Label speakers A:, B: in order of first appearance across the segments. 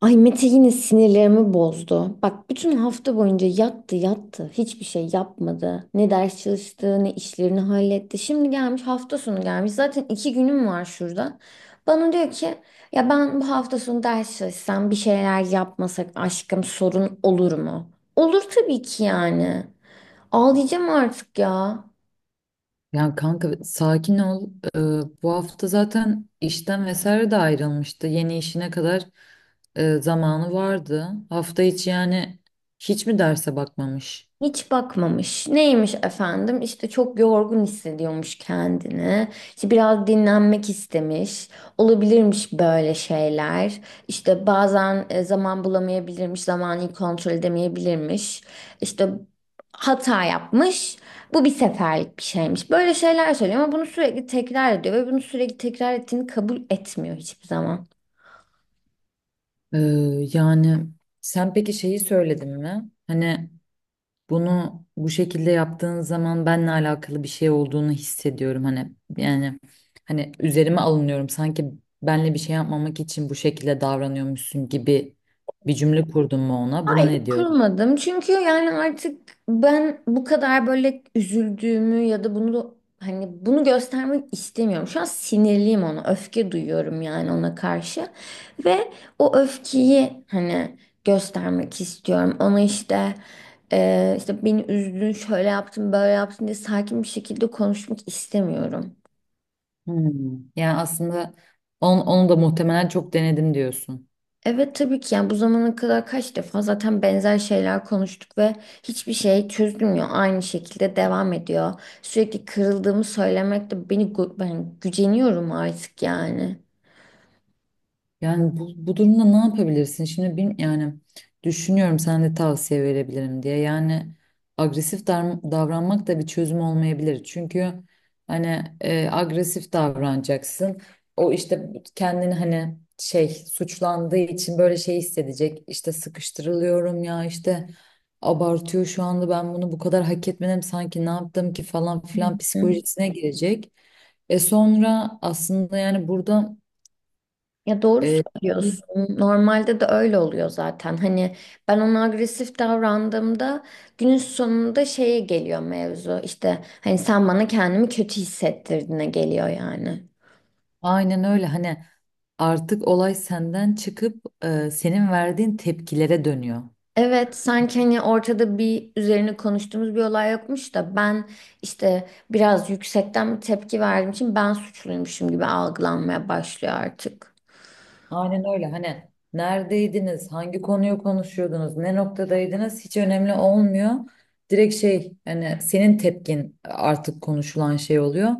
A: Ay Mete yine sinirlerimi bozdu. Bak bütün hafta boyunca yattı yattı. Hiçbir şey yapmadı. Ne ders çalıştı ne işlerini halletti. Şimdi gelmiş hafta sonu gelmiş. Zaten iki günüm var şurada. Bana diyor ki ya ben bu hafta sonu ders çalışsam bir şeyler yapmasak aşkım sorun olur mu? Olur tabii ki yani. Ağlayacağım artık ya.
B: Ya kanka sakin ol. Ee, Bu hafta zaten işten vesaire de ayrılmıştı. Yeni işine kadar zamanı vardı. Hafta içi yani hiç mi derse bakmamış?
A: Hiç bakmamış. Neymiş efendim? İşte çok yorgun hissediyormuş kendini. İşte biraz dinlenmek istemiş. Olabilirmiş böyle şeyler. İşte bazen zaman bulamayabilirmiş, zamanı kontrol edemeyebilirmiş. İşte hata yapmış. Bu bir seferlik bir şeymiş. Böyle şeyler söylüyor ama bunu sürekli tekrar ediyor ve bunu sürekli tekrar ettiğini kabul etmiyor hiçbir zaman.
B: Ee, Yani sen peki şeyi söyledin mi? Hani bunu bu şekilde yaptığın zaman benle alakalı bir şey olduğunu hissediyorum. Hani yani hani üzerime alınıyorum. Sanki benle bir şey yapmamak için bu şekilde davranıyormuşsun gibi bir cümle kurdun mu ona? Buna
A: Hayır
B: ne diyor?
A: kurmadım. Çünkü yani artık ben bu kadar böyle üzüldüğümü ya da bunu hani bunu göstermek istemiyorum. Şu an sinirliyim ona. Öfke duyuyorum yani ona karşı. Ve o öfkeyi hani göstermek istiyorum. Ona işte işte beni üzdün, şöyle yaptın, böyle yaptın diye sakin bir şekilde konuşmak istemiyorum.
B: Hmm. Yani aslında onu da muhtemelen çok denedim diyorsun.
A: Evet tabii ki yani bu zamana kadar kaç defa zaten benzer şeyler konuştuk ve hiçbir şey çözülmüyor. Aynı şekilde devam ediyor. Sürekli kırıldığımı söylemek de beni ben güceniyorum artık yani.
B: Yani bu durumda ne yapabilirsin? Şimdi yani düşünüyorum sen de tavsiye verebilirim diye. Yani davranmak da bir çözüm olmayabilir. Çünkü hani agresif davranacaksın. O işte kendini hani şey suçlandığı için böyle şey hissedecek. İşte sıkıştırılıyorum ya işte abartıyor şu anda ben bunu bu kadar hak etmedim sanki ne yaptım ki falan filan
A: Hı.
B: psikolojisine girecek. E sonra aslında yani burada
A: Ya doğru
B: e,
A: söylüyorsun. Normalde de öyle oluyor zaten. Hani ben ona agresif davrandığımda günün sonunda şeye geliyor mevzu. İşte hani sen bana kendimi kötü hissettirdiğine geliyor yani.
B: aynen öyle hani artık olay senden çıkıp senin verdiğin tepkilere dönüyor.
A: Evet, sanki hani ortada bir üzerine konuştuğumuz bir olay yokmuş da ben işte biraz yüksekten bir tepki verdiğim için ben suçluymuşum gibi algılanmaya başlıyor artık.
B: Aynen öyle hani neredeydiniz, hangi konuyu konuşuyordunuz, ne noktadaydınız hiç önemli olmuyor. Direkt şey hani senin tepkin artık konuşulan şey oluyor.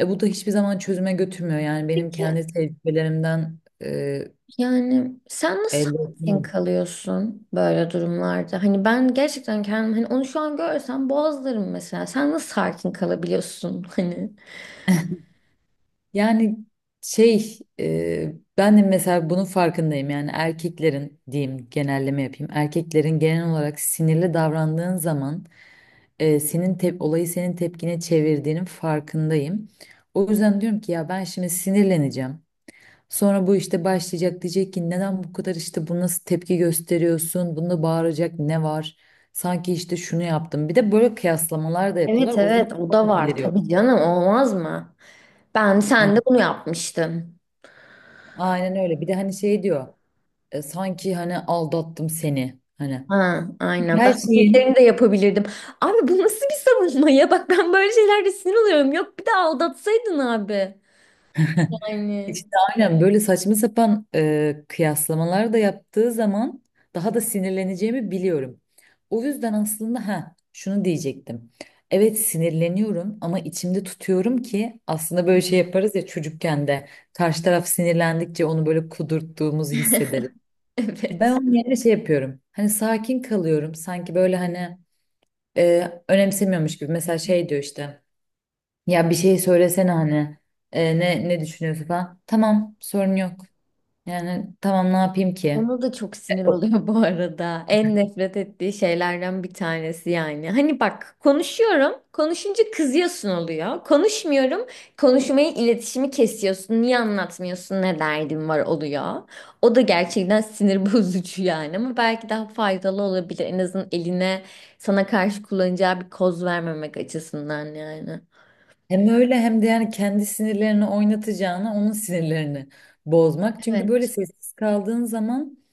B: E, bu da hiçbir zaman çözüme götürmüyor. Yani benim
A: Peki
B: kendi tecrübelerimden e,
A: yani sen nasıl
B: elde
A: sakin
B: ettim.
A: kalıyorsun böyle durumlarda? Hani ben gerçekten kendim hani onu şu an görsem boğazlarım mesela. Sen nasıl sakin kalabiliyorsun hani?
B: Yani ben de mesela bunun farkındayım yani erkeklerin diyeyim genelleme yapayım erkeklerin genel olarak sinirli davrandığın zaman e, senin tep olayı senin tepkine çevirdiğinin farkındayım. O yüzden diyorum ki ya ben şimdi sinirleneceğim. Sonra bu işte başlayacak diyecek ki neden bu kadar işte bu nasıl tepki gösteriyorsun? Bunda bağıracak ne var? Sanki işte şunu yaptım. Bir de böyle kıyaslamalar da yapıyorlar.
A: Evet
B: O zaman
A: evet o da
B: daha da
A: var
B: deliriyor.
A: tabii canım olmaz mı? Ben sen de
B: Hani
A: bunu yapmıştın.
B: aynen öyle. Bir de hani şey diyor. Sanki hani aldattım seni hani
A: Ha, aynen. Daha
B: her şeyin
A: büyüklerini de yapabilirdim. Abi bu nasıl bir savunma ya? Bak ben böyle şeylerde sinir oluyorum. Yok bir de aldatsaydın abi. Yani
B: işte aynen böyle saçma sapan kıyaslamalar da yaptığı zaman daha da sinirleneceğimi biliyorum. O yüzden aslında ha şunu diyecektim. Evet sinirleniyorum ama içimde tutuyorum ki aslında böyle şey yaparız ya çocukken de karşı taraf sinirlendikçe onu böyle kudurttuğumuzu hissederiz. Ben
A: evet.
B: onun yerine şey yapıyorum. Hani sakin kalıyorum. Sanki böyle hani önemsemiyormuş gibi. Mesela şey diyor işte. Ya bir şey söylesene hani ne düşünüyorsun falan. Tamam sorun yok. Yani tamam ne yapayım ki?
A: Ona da çok sinir oluyor bu arada. En nefret ettiği şeylerden bir tanesi yani. Hani bak konuşuyorum, konuşunca kızıyorsun oluyor. Konuşmuyorum, konuşmayı, iletişimi kesiyorsun. Niye anlatmıyorsun, ne derdin var oluyor. O da gerçekten sinir bozucu yani. Ama belki daha faydalı olabilir. En azından eline sana karşı kullanacağı bir koz vermemek açısından yani.
B: Hem öyle hem de yani kendi sinirlerini oynatacağına onun sinirlerini bozmak. Çünkü böyle
A: Evet.
B: sessiz kaldığın zaman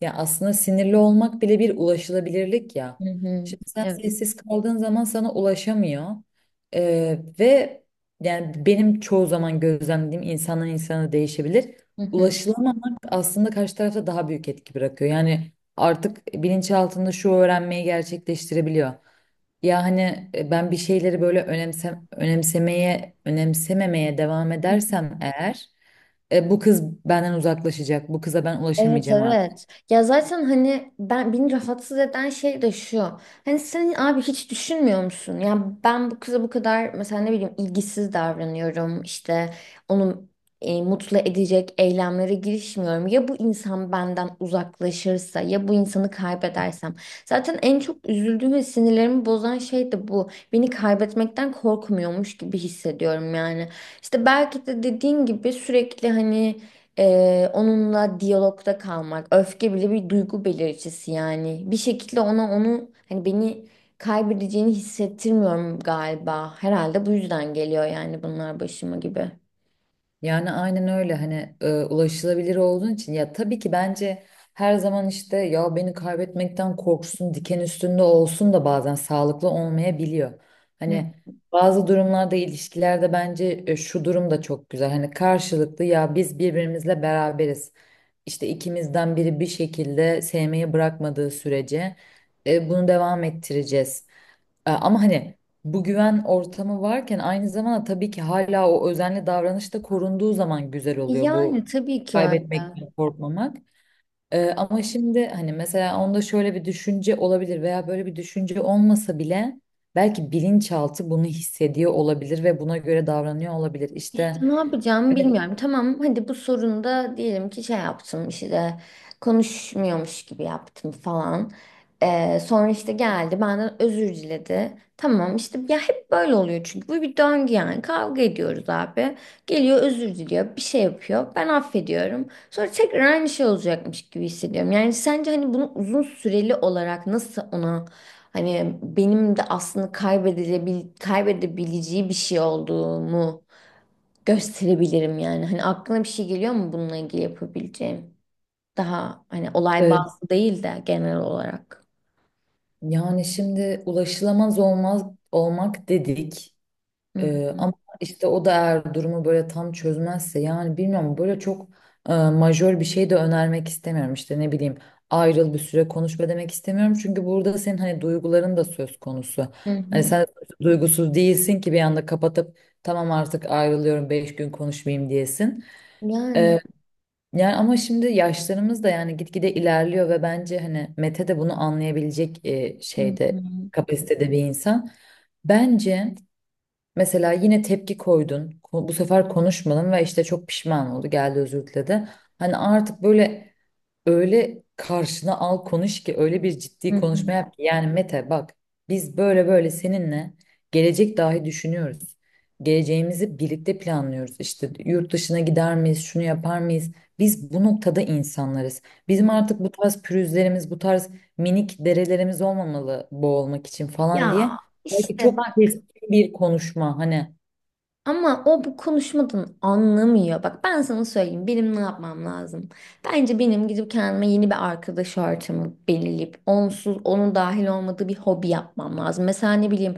B: ya aslında sinirli olmak bile bir ulaşılabilirlik ya.
A: Hı hı.
B: Şimdi sen
A: Evet.
B: sessiz kaldığın zaman sana ulaşamıyor. Ve yani benim çoğu zaman gözlemlediğim insandan insana değişebilir.
A: Hı hı.
B: Ulaşılamamak aslında karşı tarafta daha büyük etki bırakıyor. Yani artık bilinçaltında şu öğrenmeyi gerçekleştirebiliyor. Ya hani ben bir şeyleri böyle önemsememeye devam edersem eğer bu kız benden uzaklaşacak. Bu kıza ben
A: Evet
B: ulaşamayacağım artık.
A: evet. Ya zaten hani ben beni rahatsız eden şey de şu. Hani sen abi hiç düşünmüyor musun? Ya ben bu kıza bu kadar mesela ne bileyim ilgisiz davranıyorum. İşte onu mutlu edecek eylemlere girişmiyorum. Ya bu insan benden uzaklaşırsa ya bu insanı kaybedersem. Zaten en çok üzüldüğüm ve sinirlerimi bozan şey de bu. Beni kaybetmekten korkmuyormuş gibi hissediyorum yani. İşte belki de dediğin gibi sürekli hani onunla diyalogda kalmak. Öfke bile bir duygu belirticisi yani. Bir şekilde ona onu hani beni kaybedeceğini hissettirmiyorum galiba. Herhalde bu yüzden geliyor yani bunlar başıma gibi.
B: Yani aynen öyle hani ulaşılabilir olduğun için ya tabii ki bence her zaman işte ya beni kaybetmekten korksun diken üstünde olsun da bazen sağlıklı olmayabiliyor.
A: Hı.
B: Hani bazı durumlarda ilişkilerde bence şu durum da çok güzel hani karşılıklı ya biz birbirimizle beraberiz. İşte ikimizden biri bir şekilde sevmeyi bırakmadığı sürece bunu devam ettireceğiz. Ama hani bu güven ortamı varken aynı zamanda tabii ki hala o özenli davranış da korunduğu zaman güzel oluyor
A: Yani
B: bu
A: tabii ki öyle.
B: kaybetmekten korkmamak. Ama şimdi hani mesela onda şöyle bir düşünce olabilir veya böyle bir düşünce olmasa bile belki bilinçaltı bunu hissediyor olabilir ve buna göre davranıyor olabilir.
A: İşte
B: İşte
A: ne yapacağımı
B: evet,
A: bilmiyorum. Tamam hadi bu sorunda diyelim ki şey yaptım işte konuşmuyormuş gibi yaptım falan. Sonra işte geldi benden özür diledi. Tamam işte ya hep böyle oluyor çünkü bu bir döngü yani kavga ediyoruz abi. Geliyor özür diliyor bir şey yapıyor ben affediyorum. Sonra tekrar aynı şey olacakmış gibi hissediyorum. Yani sence hani bunu uzun süreli olarak nasıl ona hani benim de aslında kaybedebileceği bir şey olduğumu gösterebilirim yani. Hani aklına bir şey geliyor mu bununla ilgili yapabileceğim? Daha hani olay
B: e,
A: bazlı değil de genel olarak.
B: yani şimdi ulaşılamaz olmaz olmak dedik.
A: Hı hı.
B: Ama işte o da eğer durumu böyle tam çözmezse yani bilmiyorum böyle çok majör bir şey de önermek istemiyorum işte ne bileyim ayrıl bir süre konuşma demek istemiyorum çünkü burada senin hani duyguların da söz konusu.
A: Hı
B: Hani
A: hı.
B: sen duygusuz değilsin ki bir anda kapatıp tamam artık ayrılıyorum 5 gün konuşmayayım diyesin.
A: Yani.
B: Ee, Yani ama şimdi yaşlarımız da yani gitgide ilerliyor ve bence hani Mete de bunu anlayabilecek e,
A: Hı
B: şeyde
A: hı.
B: kapasitede bir insan. Bence mesela yine tepki koydun. Bu sefer konuşmadın ve işte çok pişman oldu. Geldi özür diledi. Hani artık böyle öyle karşına al konuş ki öyle bir
A: Hı
B: ciddi konuşma
A: hı.
B: yap ki. Yani Mete bak biz böyle böyle seninle gelecek dahi düşünüyoruz. Geleceğimizi birlikte planlıyoruz. İşte yurt dışına gider miyiz, şunu yapar mıyız? Biz bu noktada insanlarız.
A: Hı.
B: Bizim artık bu tarz pürüzlerimiz, bu tarz minik derelerimiz olmamalı boğulmak için falan
A: Ya
B: diye. Belki
A: işte
B: çok bir konuşma hani.
A: ama o bu konuşmadan anlamıyor. Bak ben sana söyleyeyim benim ne yapmam lazım. Bence benim gidip kendime yeni bir arkadaş ortamı belirleyip onsuz onun dahil olmadığı bir hobi yapmam lazım. Mesela ne bileyim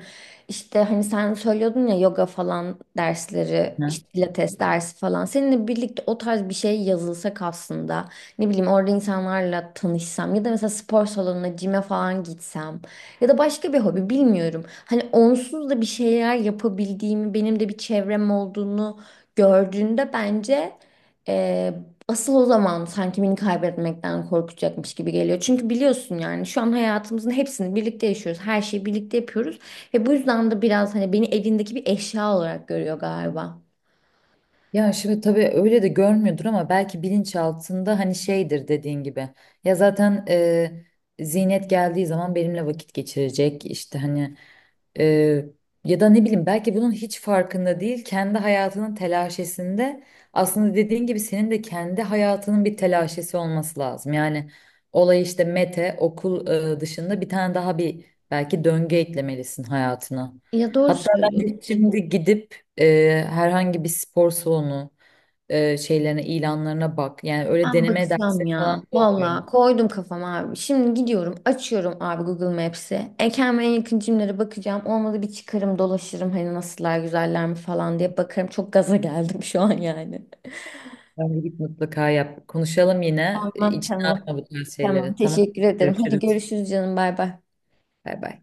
A: işte hani sen söylüyordun ya yoga falan dersleri
B: Hı.
A: işte pilates dersi falan. Seninle birlikte o tarz bir şey yazılsak aslında ne bileyim orada insanlarla tanışsam ya da mesela spor salonuna cime falan gitsem. Ya da başka bir hobi bilmiyorum. Hani onsuz da bir şeyler yapabildiğimi, benim de bir çevrem olduğunu gördüğünde bence e, asıl o zaman sanki beni kaybetmekten korkacakmış gibi geliyor. Çünkü biliyorsun yani şu an hayatımızın hepsini birlikte yaşıyoruz. Her şeyi birlikte yapıyoruz. Ve bu yüzden de biraz hani beni evindeki bir eşya olarak görüyor galiba.
B: Ya şimdi tabii öyle de görmüyordur ama belki bilinçaltında hani şeydir dediğin gibi. Ya zaten Zinet geldiği zaman benimle vakit geçirecek işte hani e, ya da ne bileyim belki bunun hiç farkında değil kendi hayatının telaşesinde aslında dediğin gibi senin de kendi hayatının bir telaşesi olması lazım. Yani olay işte Mete okul dışında bir tane daha bir belki döngü eklemelisin hayatına.
A: Ya doğru
B: Hatta ben
A: söylüyorsun.
B: de şimdi gidip herhangi bir spor salonu şeylerine, ilanlarına bak. Yani öyle
A: Ben
B: deneme
A: bakacağım
B: dersleri falan
A: ya.
B: da oluyor.
A: Valla koydum kafama abi. Şimdi gidiyorum açıyorum abi Google Maps'i. Kendime en yakın cimlere bakacağım. Olmadı bir çıkarım dolaşırım hani nasıllar güzeller mi falan diye bakarım. Çok gaza geldim şu an yani.
B: Bence git mutlaka yap. Konuşalım yine. E,
A: Tamam
B: İçine
A: tamam.
B: atma bu tarz
A: Tamam
B: şeyleri. Tamam.
A: teşekkür ederim. Hadi
B: Görüşürüz.
A: görüşürüz canım bay bay.
B: Bay bay.